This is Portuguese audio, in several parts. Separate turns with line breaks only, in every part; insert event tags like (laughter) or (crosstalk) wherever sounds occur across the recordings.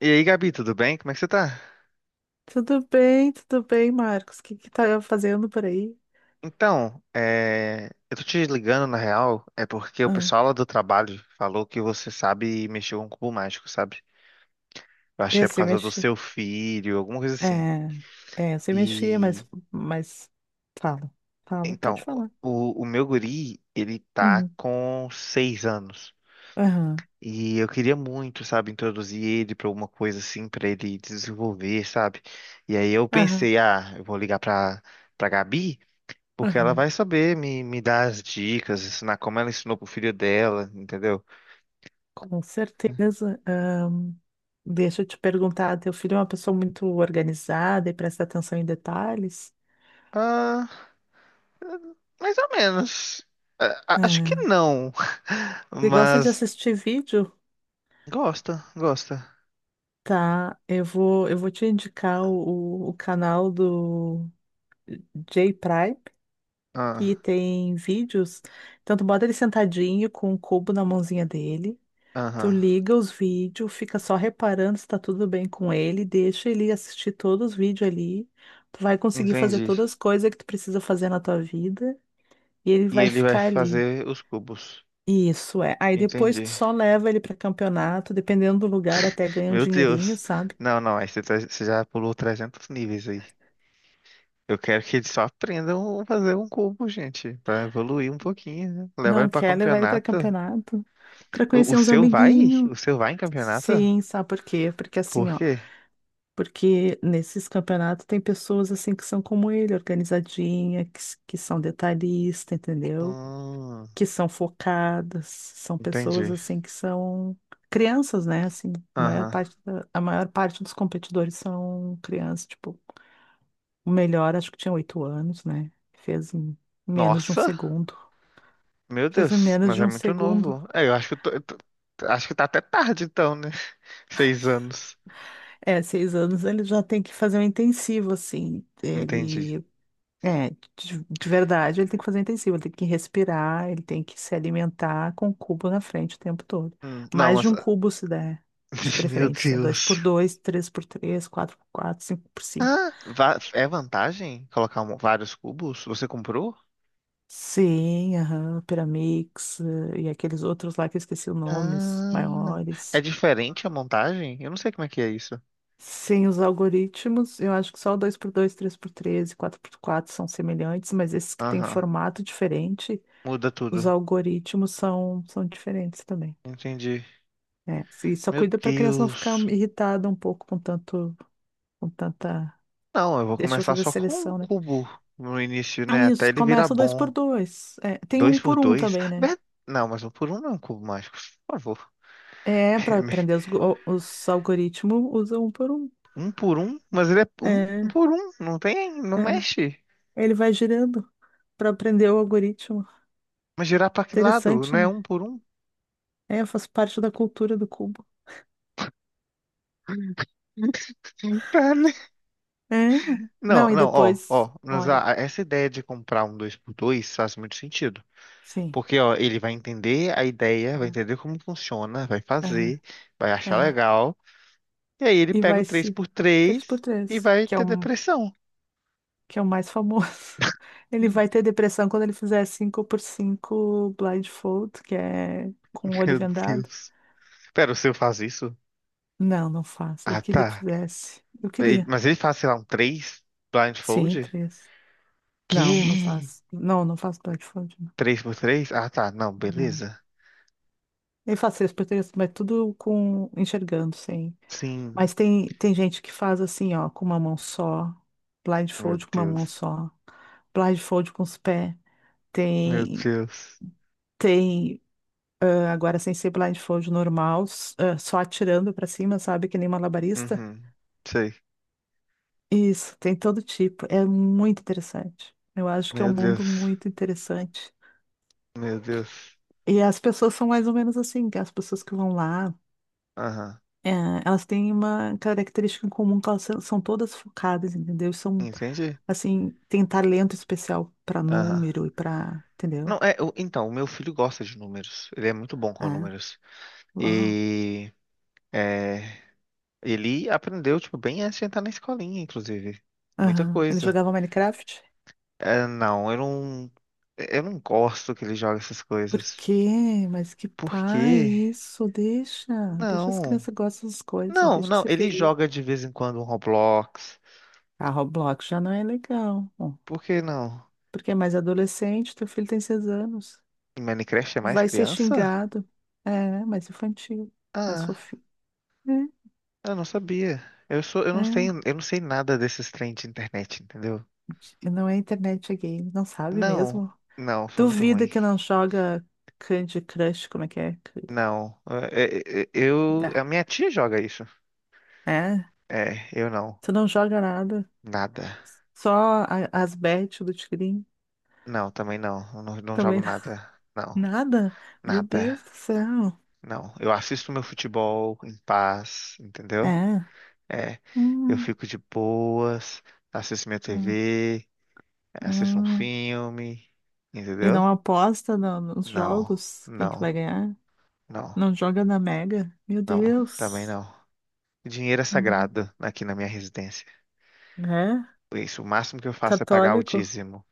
E aí, Gabi, tudo bem? Como é que você tá?
Tudo bem, Marcos. O que que tá fazendo por aí?
Eu tô te ligando na real, é porque o
Ah,
pessoal lá do trabalho falou que você sabe mexer com cubo mágico, sabe? Eu acho que
eu
é por
sei
causa do
mexer.
seu filho, alguma coisa
É,
assim.
é, eu sei mexer,
E
mas fala, fala, pode
então,
falar.
o meu guri, ele tá
Uhum,
com seis anos.
aham,
E eu queria muito, sabe, introduzir ele pra alguma coisa assim, pra ele desenvolver, sabe? E aí eu
aham,
pensei, ah, eu vou ligar pra Gabi. Porque ela
aham.
vai saber me dar as dicas, ensinar como ela ensinou pro filho dela, entendeu?
Com certeza. Deixa eu te perguntar, teu filho é uma pessoa muito organizada e presta atenção em detalhes?
Ah, mais ou menos. Acho que
Ah,
não. (laughs)
ele gosta de
Mas
assistir vídeo?
gosta, gosta.
Tá, eu vou te indicar o canal do J Prime, que
Ah,
tem vídeos. Então, tu bota ele sentadinho com um cubo na mãozinha dele. Tu
aham.
liga os vídeos, fica só reparando se tá tudo bem com ele, deixa ele assistir todos os vídeos ali. Tu vai conseguir fazer
Entendi.
todas as coisas que tu precisa fazer na tua vida e ele
E
vai
ele vai
ficar ali.
fazer os cubos.
Isso é. Aí depois tu
Entendi.
só leva ele pra campeonato, dependendo do lugar, até ganha um
Meu
dinheirinho,
Deus.
sabe?
Não, não. Aí você, você já pulou 300 níveis aí. Eu quero que eles só aprendam a fazer um cubo, gente. Pra evoluir um pouquinho, né? Levar ele
Não
pra
quer levar ele pra
campeonato.
campeonato, pra
O
conhecer uns
seu vai?
amiguinhos.
O seu vai em campeonato?
Sim, sabe por quê? Porque assim,
Por
ó.
quê?
Porque nesses campeonatos tem pessoas assim que são como ele, organizadinha, que são detalhista, entendeu?
Hum,
Que são focadas, são pessoas
entendi.
assim que são crianças, né? Assim,
Aham.
a maior parte dos competidores são crianças, tipo, o melhor acho que tinha 8 anos, né? Fez em menos de um
Nossa,
segundo.
meu
Fez em
Deus,
menos
mas
de
é
um
muito
segundo.
novo. É, eu acho que eu tô- acho que tá até tarde então, né? (laughs) Seis anos.
É, 6 anos ele já tem que fazer um intensivo, assim.
Entendi.
Ele é, de verdade, ele tem que fazer intensivo, ele tem que respirar, ele tem que se alimentar com o cubo na frente o tempo todo.
Não,
Mais de
mas
um cubo se der, de
(laughs) meu
preferência. Dois por
Deus.
dois, três por três, quatro por quatro, cinco por cinco.
Ah, é vantagem colocar vários cubos? Você comprou?
Sim, aham, Pyramix, e aqueles outros lá que eu esqueci os nomes,
Ah, é
maiores.
diferente a montagem? Eu não sei como é que é isso.
Sem os algoritmos, eu acho que só o dois por dois, três por três, e 4x4 são semelhantes, mas esses que têm
Aham.
formato diferente,
Muda
os
tudo.
algoritmos são diferentes também.
Entendi.
É, e só
Meu
cuida para a criança não ficar
Deus.
irritada um pouco com tanto, com tanta.
Não, eu vou
Deixa eu
começar
fazer a
só com um
seleção, né?
cubo no início,
Ah,
né? Até
isso,
ele virar
começa dois por
bom.
dois. É, tem um
Dois por
por um
dois.
também, né?
Não, mas um por um não é um cubo mágico. Por favor.
É, para aprender
(laughs)
os algoritmos, usa um por um.
Um por um, mas ele é um
É,
por um. Não tem, não
é.
mexe.
Ele vai girando para aprender o algoritmo.
Mas girar pra que lado? Não
Interessante,
é
né?
um por um?
É, faz parte da cultura do cubo.
(laughs) Tá, né?
É.
Não,
Não, e
não, ó,
depois,
ó. Mas
olha,
essa ideia de comprar um dois por dois faz muito sentido.
sim.
Porque, ó, ele vai entender a ideia, vai entender como funciona, vai
Aham,
fazer, vai achar
é.
legal. E aí ele
E
pega o
vai
três
se.
por
Três por
três e
três,
vai
que é
ter
um,
depressão.
que é o mais famoso. (laughs) Ele vai
(laughs)
ter depressão quando ele fizer 5x5 blindfold, que é com o olho
Meu
vendado.
Deus. Pera, o seu faz isso?
Não, não faço. Eu
Ah,
queria que
tá.
fizesse. Eu queria.
Mas ele faz, sei lá, um 3
Sim,
blindfold?
três. Não, não
Que?
faço. Não, não faço blindfold, não.
Três por três. Ah, tá. Não,
Não.
beleza.
Eu faço três por três, mas tudo com enxergando, sim.
Sim.
Mas tem gente que faz assim, ó, com uma mão só,
Meu
blindfold com uma mão
Deus.
só, blindfold com os pés.
Meu
Tem,
Deus.
tem agora sem ser blindfold normal, só atirando pra cima, sabe? Que nem malabarista.
Uhum. Sei.
Isso, tem todo tipo. É muito interessante. Eu acho que é um
Meu
mundo
Deus.
muito interessante.
Meu Deus.
E as pessoas são mais ou menos assim, que as pessoas que vão lá,
Aham.
eh, elas têm uma característica em comum, que elas são todas focadas, entendeu? São,
Entendi?
assim, têm talento especial pra
Aham.
número e pra,
Não,
entendeu?
é, então, o meu filho gosta de números. Ele é muito bom com
É.
números.
Uau.
E. É, ele aprendeu, tipo, bem antes de entrar na escolinha, inclusive. Muita
Aham. Ele
coisa.
jogava Minecraft?
É, não, Eu não gosto que ele joga essas
Por
coisas.
quê? Mas que
Por
pai
quê?
isso? Deixa, deixa as
Não.
crianças gostam das coisas,
Não,
deixa
não.
ser
Ele
feliz.
joga de vez em quando um Roblox.
A Roblox já não é legal, bom,
Por que não?
porque é mais adolescente, teu filho tem 6 anos,
Em Minecraft é mais
vai ser
criança?
xingado, é, mais infantil, mais
Ah,
fofinho.
eu não sabia. Eu
É,
não sei,
é.
nada desses trem de internet, entendeu?
Não é internet, é game, não sabe
Não,
mesmo?
não, foi muito
Duvida
ruim.
que não joga Candy Crush, como é que é?
Não, a
Ah,
minha tia joga isso.
é?
É, eu não,
Tu não joga nada,
nada.
só as bets do Tigrinho.
Não, também não. Eu não, não jogo
Também.
nada. Não,
Nada? Meu
nada.
Deus do céu.
Não. Eu assisto meu futebol em paz, entendeu?
É.
É. Eu
Hum,
fico de boas, assisto minha
hum,
TV, assisto um
hum.
filme,
E
entendeu?
não aposta nos
Não,
jogos? Quem que vai
não,
ganhar?
não,
Não joga na Mega? Meu
não. Também
Deus.
não. Dinheiro é
Hum.
sagrado aqui na minha residência.
É?
Isso, o máximo que eu faço é pagar o
Católico?
dízimo.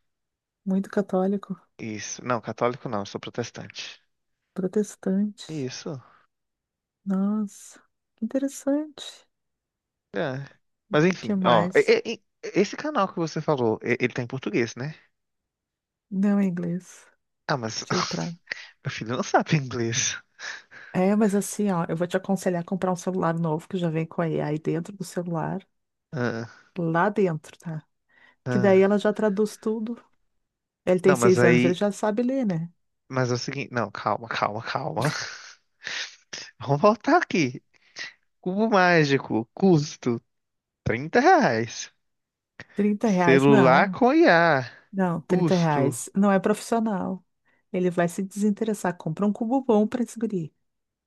Muito católico.
Isso. Não, católico não, eu sou protestante.
Protestante.
Isso.
Nossa. Que interessante.
É. Mas
Que
enfim, ó.
mais?
Esse canal que você falou, ele tá em português, né?
Não é inglês.
Ah, mas
J
(laughs)
pra.
meu filho não sabe inglês.
É, mas assim, ó, eu vou te aconselhar a comprar um celular novo que já vem com a AI dentro do celular.
Ah,
Lá dentro, tá? Que daí ela
ah.
já traduz tudo. Ele tem
Não, mas
6 anos, ele
aí.
já sabe ler, né?
Mas é o seguinte. Não, calma, calma, calma. (laughs) Vamos voltar aqui. Cubo mágico, custo 30 reais.
R$ 30,
Celular
não.
com IA,
Não, 30
custo.
reais não é profissional. Ele vai se desinteressar. Compra um cubo bom para esse guri.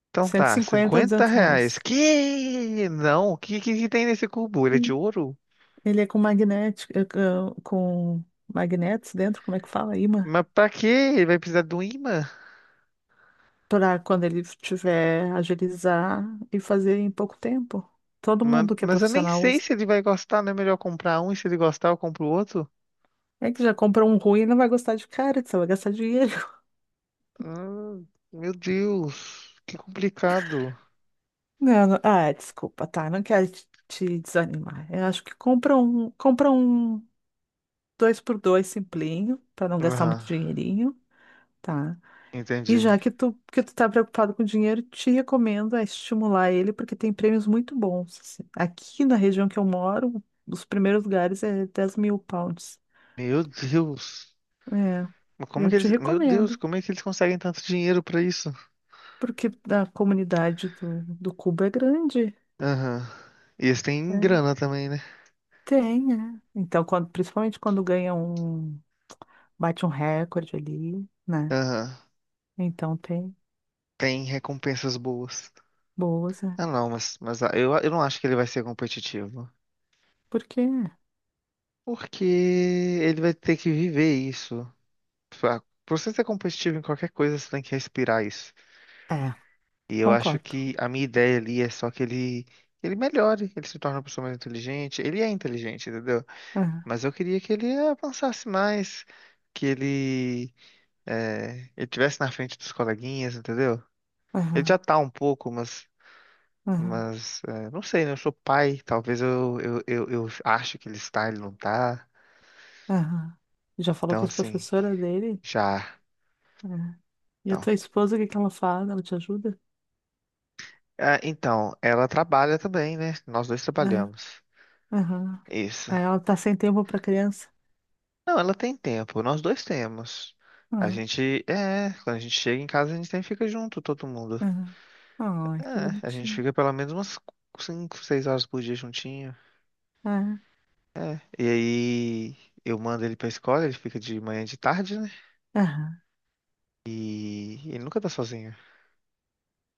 Então
cento e
tá,
cinquenta,
cinquenta
200
reais.
reais.
Que? Não, que tem nesse cubo? Ele é de
Sim.
ouro?
Ele é com magnético, com magnetos dentro, como é que fala? Imã.
Mas pra quê? Ele vai precisar do ímã?
Para quando ele tiver agilizar e fazer em pouco tempo. Todo mundo que é
Mas eu nem
profissional
sei
usa.
se ele vai gostar, não é melhor comprar um e se ele gostar eu compro o outro?
É que já compra um ruim e não vai gostar de cara, só vai gastar dinheiro.
Ah, meu Deus, que complicado.
Não, é, desculpa, tá. Não quero te desanimar. Eu acho que compra um dois por dois simplinho, para não gastar
Aham,
muito dinheirinho, tá? E
entendi.
já que tu tá preocupado com dinheiro, te recomendo a estimular ele, porque tem prêmios muito bons. Assim, aqui na região que eu moro, os primeiros lugares é 10.000 pounds.
Meu Deus,
É,
mas como
eu
que
te
eles, meu Deus,
recomendo,
como é que eles conseguem tanto dinheiro pra isso?
porque a comunidade do Cubo é grande,
Aham, e eles têm
né?
grana também, né?
Tem, é. Então, quando, principalmente quando ganha um, bate um recorde ali, né?
Aham,
Então tem
tem recompensas boas.
boas, né?
Ah, não, eu não acho que ele vai ser competitivo.
Porque,
Porque ele vai ter que viver isso. Pra Pra você ser competitivo em qualquer coisa, você tem que respirar isso.
é,
E eu acho
concordo.
que a minha ideia ali é só ele melhore, ele se torne uma pessoa mais inteligente. Ele é inteligente, entendeu?
Aham,
Mas eu queria que ele avançasse mais, que ele, ele tivesse na frente dos coleguinhas, entendeu? Ele já
aham,
tá um pouco,
aham,
mas é, não sei, né? Eu sou pai, talvez eu acho que ele não tá.
aham. Já falou
Então,
com as
assim,
professoras dele?
já.
É. E a
Então,
tua esposa, o que que ela faz? Ela te ajuda?
ah, então, ela trabalha também, né? Nós dois
Aham,
trabalhamos.
aham.
Isso.
Aí, ela tá sem tempo pra criança?
Não, ela tem tempo, nós dois temos. A
Aham,
gente, é, quando a gente chega em casa, a gente sempre fica junto, todo mundo.
aham. Ai, que
É, a gente
bonitinho.
fica pelo menos umas 5, 6 horas por dia juntinho.
Aham,
É, e aí eu mando ele pra escola, ele fica de manhã e de tarde, né?
aham.
E ele nunca tá sozinho.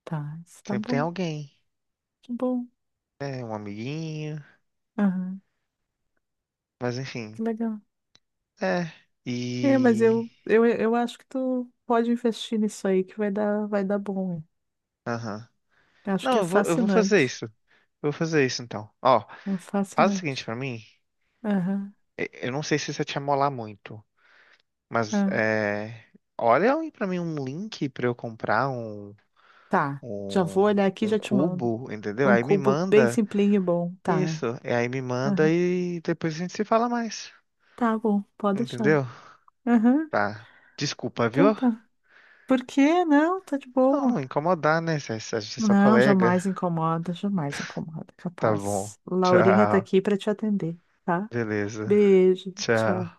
Tá, isso tá
Sempre tem
bom,
alguém,
que bom.
né? Um amiguinho,
Aham,
mas enfim.
que legal.
É,
É, mas
e...
eu acho que tu pode investir nisso aí, que vai dar bom.
Aham.
Acho que
Não,
é
eu vou fazer
fascinante.
isso. Eu vou fazer isso então. Ó,
É
faz o
fascinante.
seguinte pra mim.
Aham,
Eu não sei se isso vai te amolar muito. Mas
aham.
é, olha aí pra mim um link pra eu comprar
Tá. Já vou
um,
olhar aqui e
um
já te mando.
cubo, entendeu?
Um
Aí me
cubo bem
manda
simplinho e bom. Tá.
isso, e aí me manda
Aham.
e depois a gente se fala mais,
Tá bom, pode deixar.
entendeu?
Aham,
Tá. Desculpa, viu?
então tá. Por quê? Não, tá de
Não, não
boa.
incomodar, né? Se a gente é só
Não,
colega.
jamais incomoda, jamais incomoda,
Tá bom.
capaz. Laurinha tá
Tchau.
aqui pra te atender, tá?
Beleza.
Beijo,
Tchau.
tchau.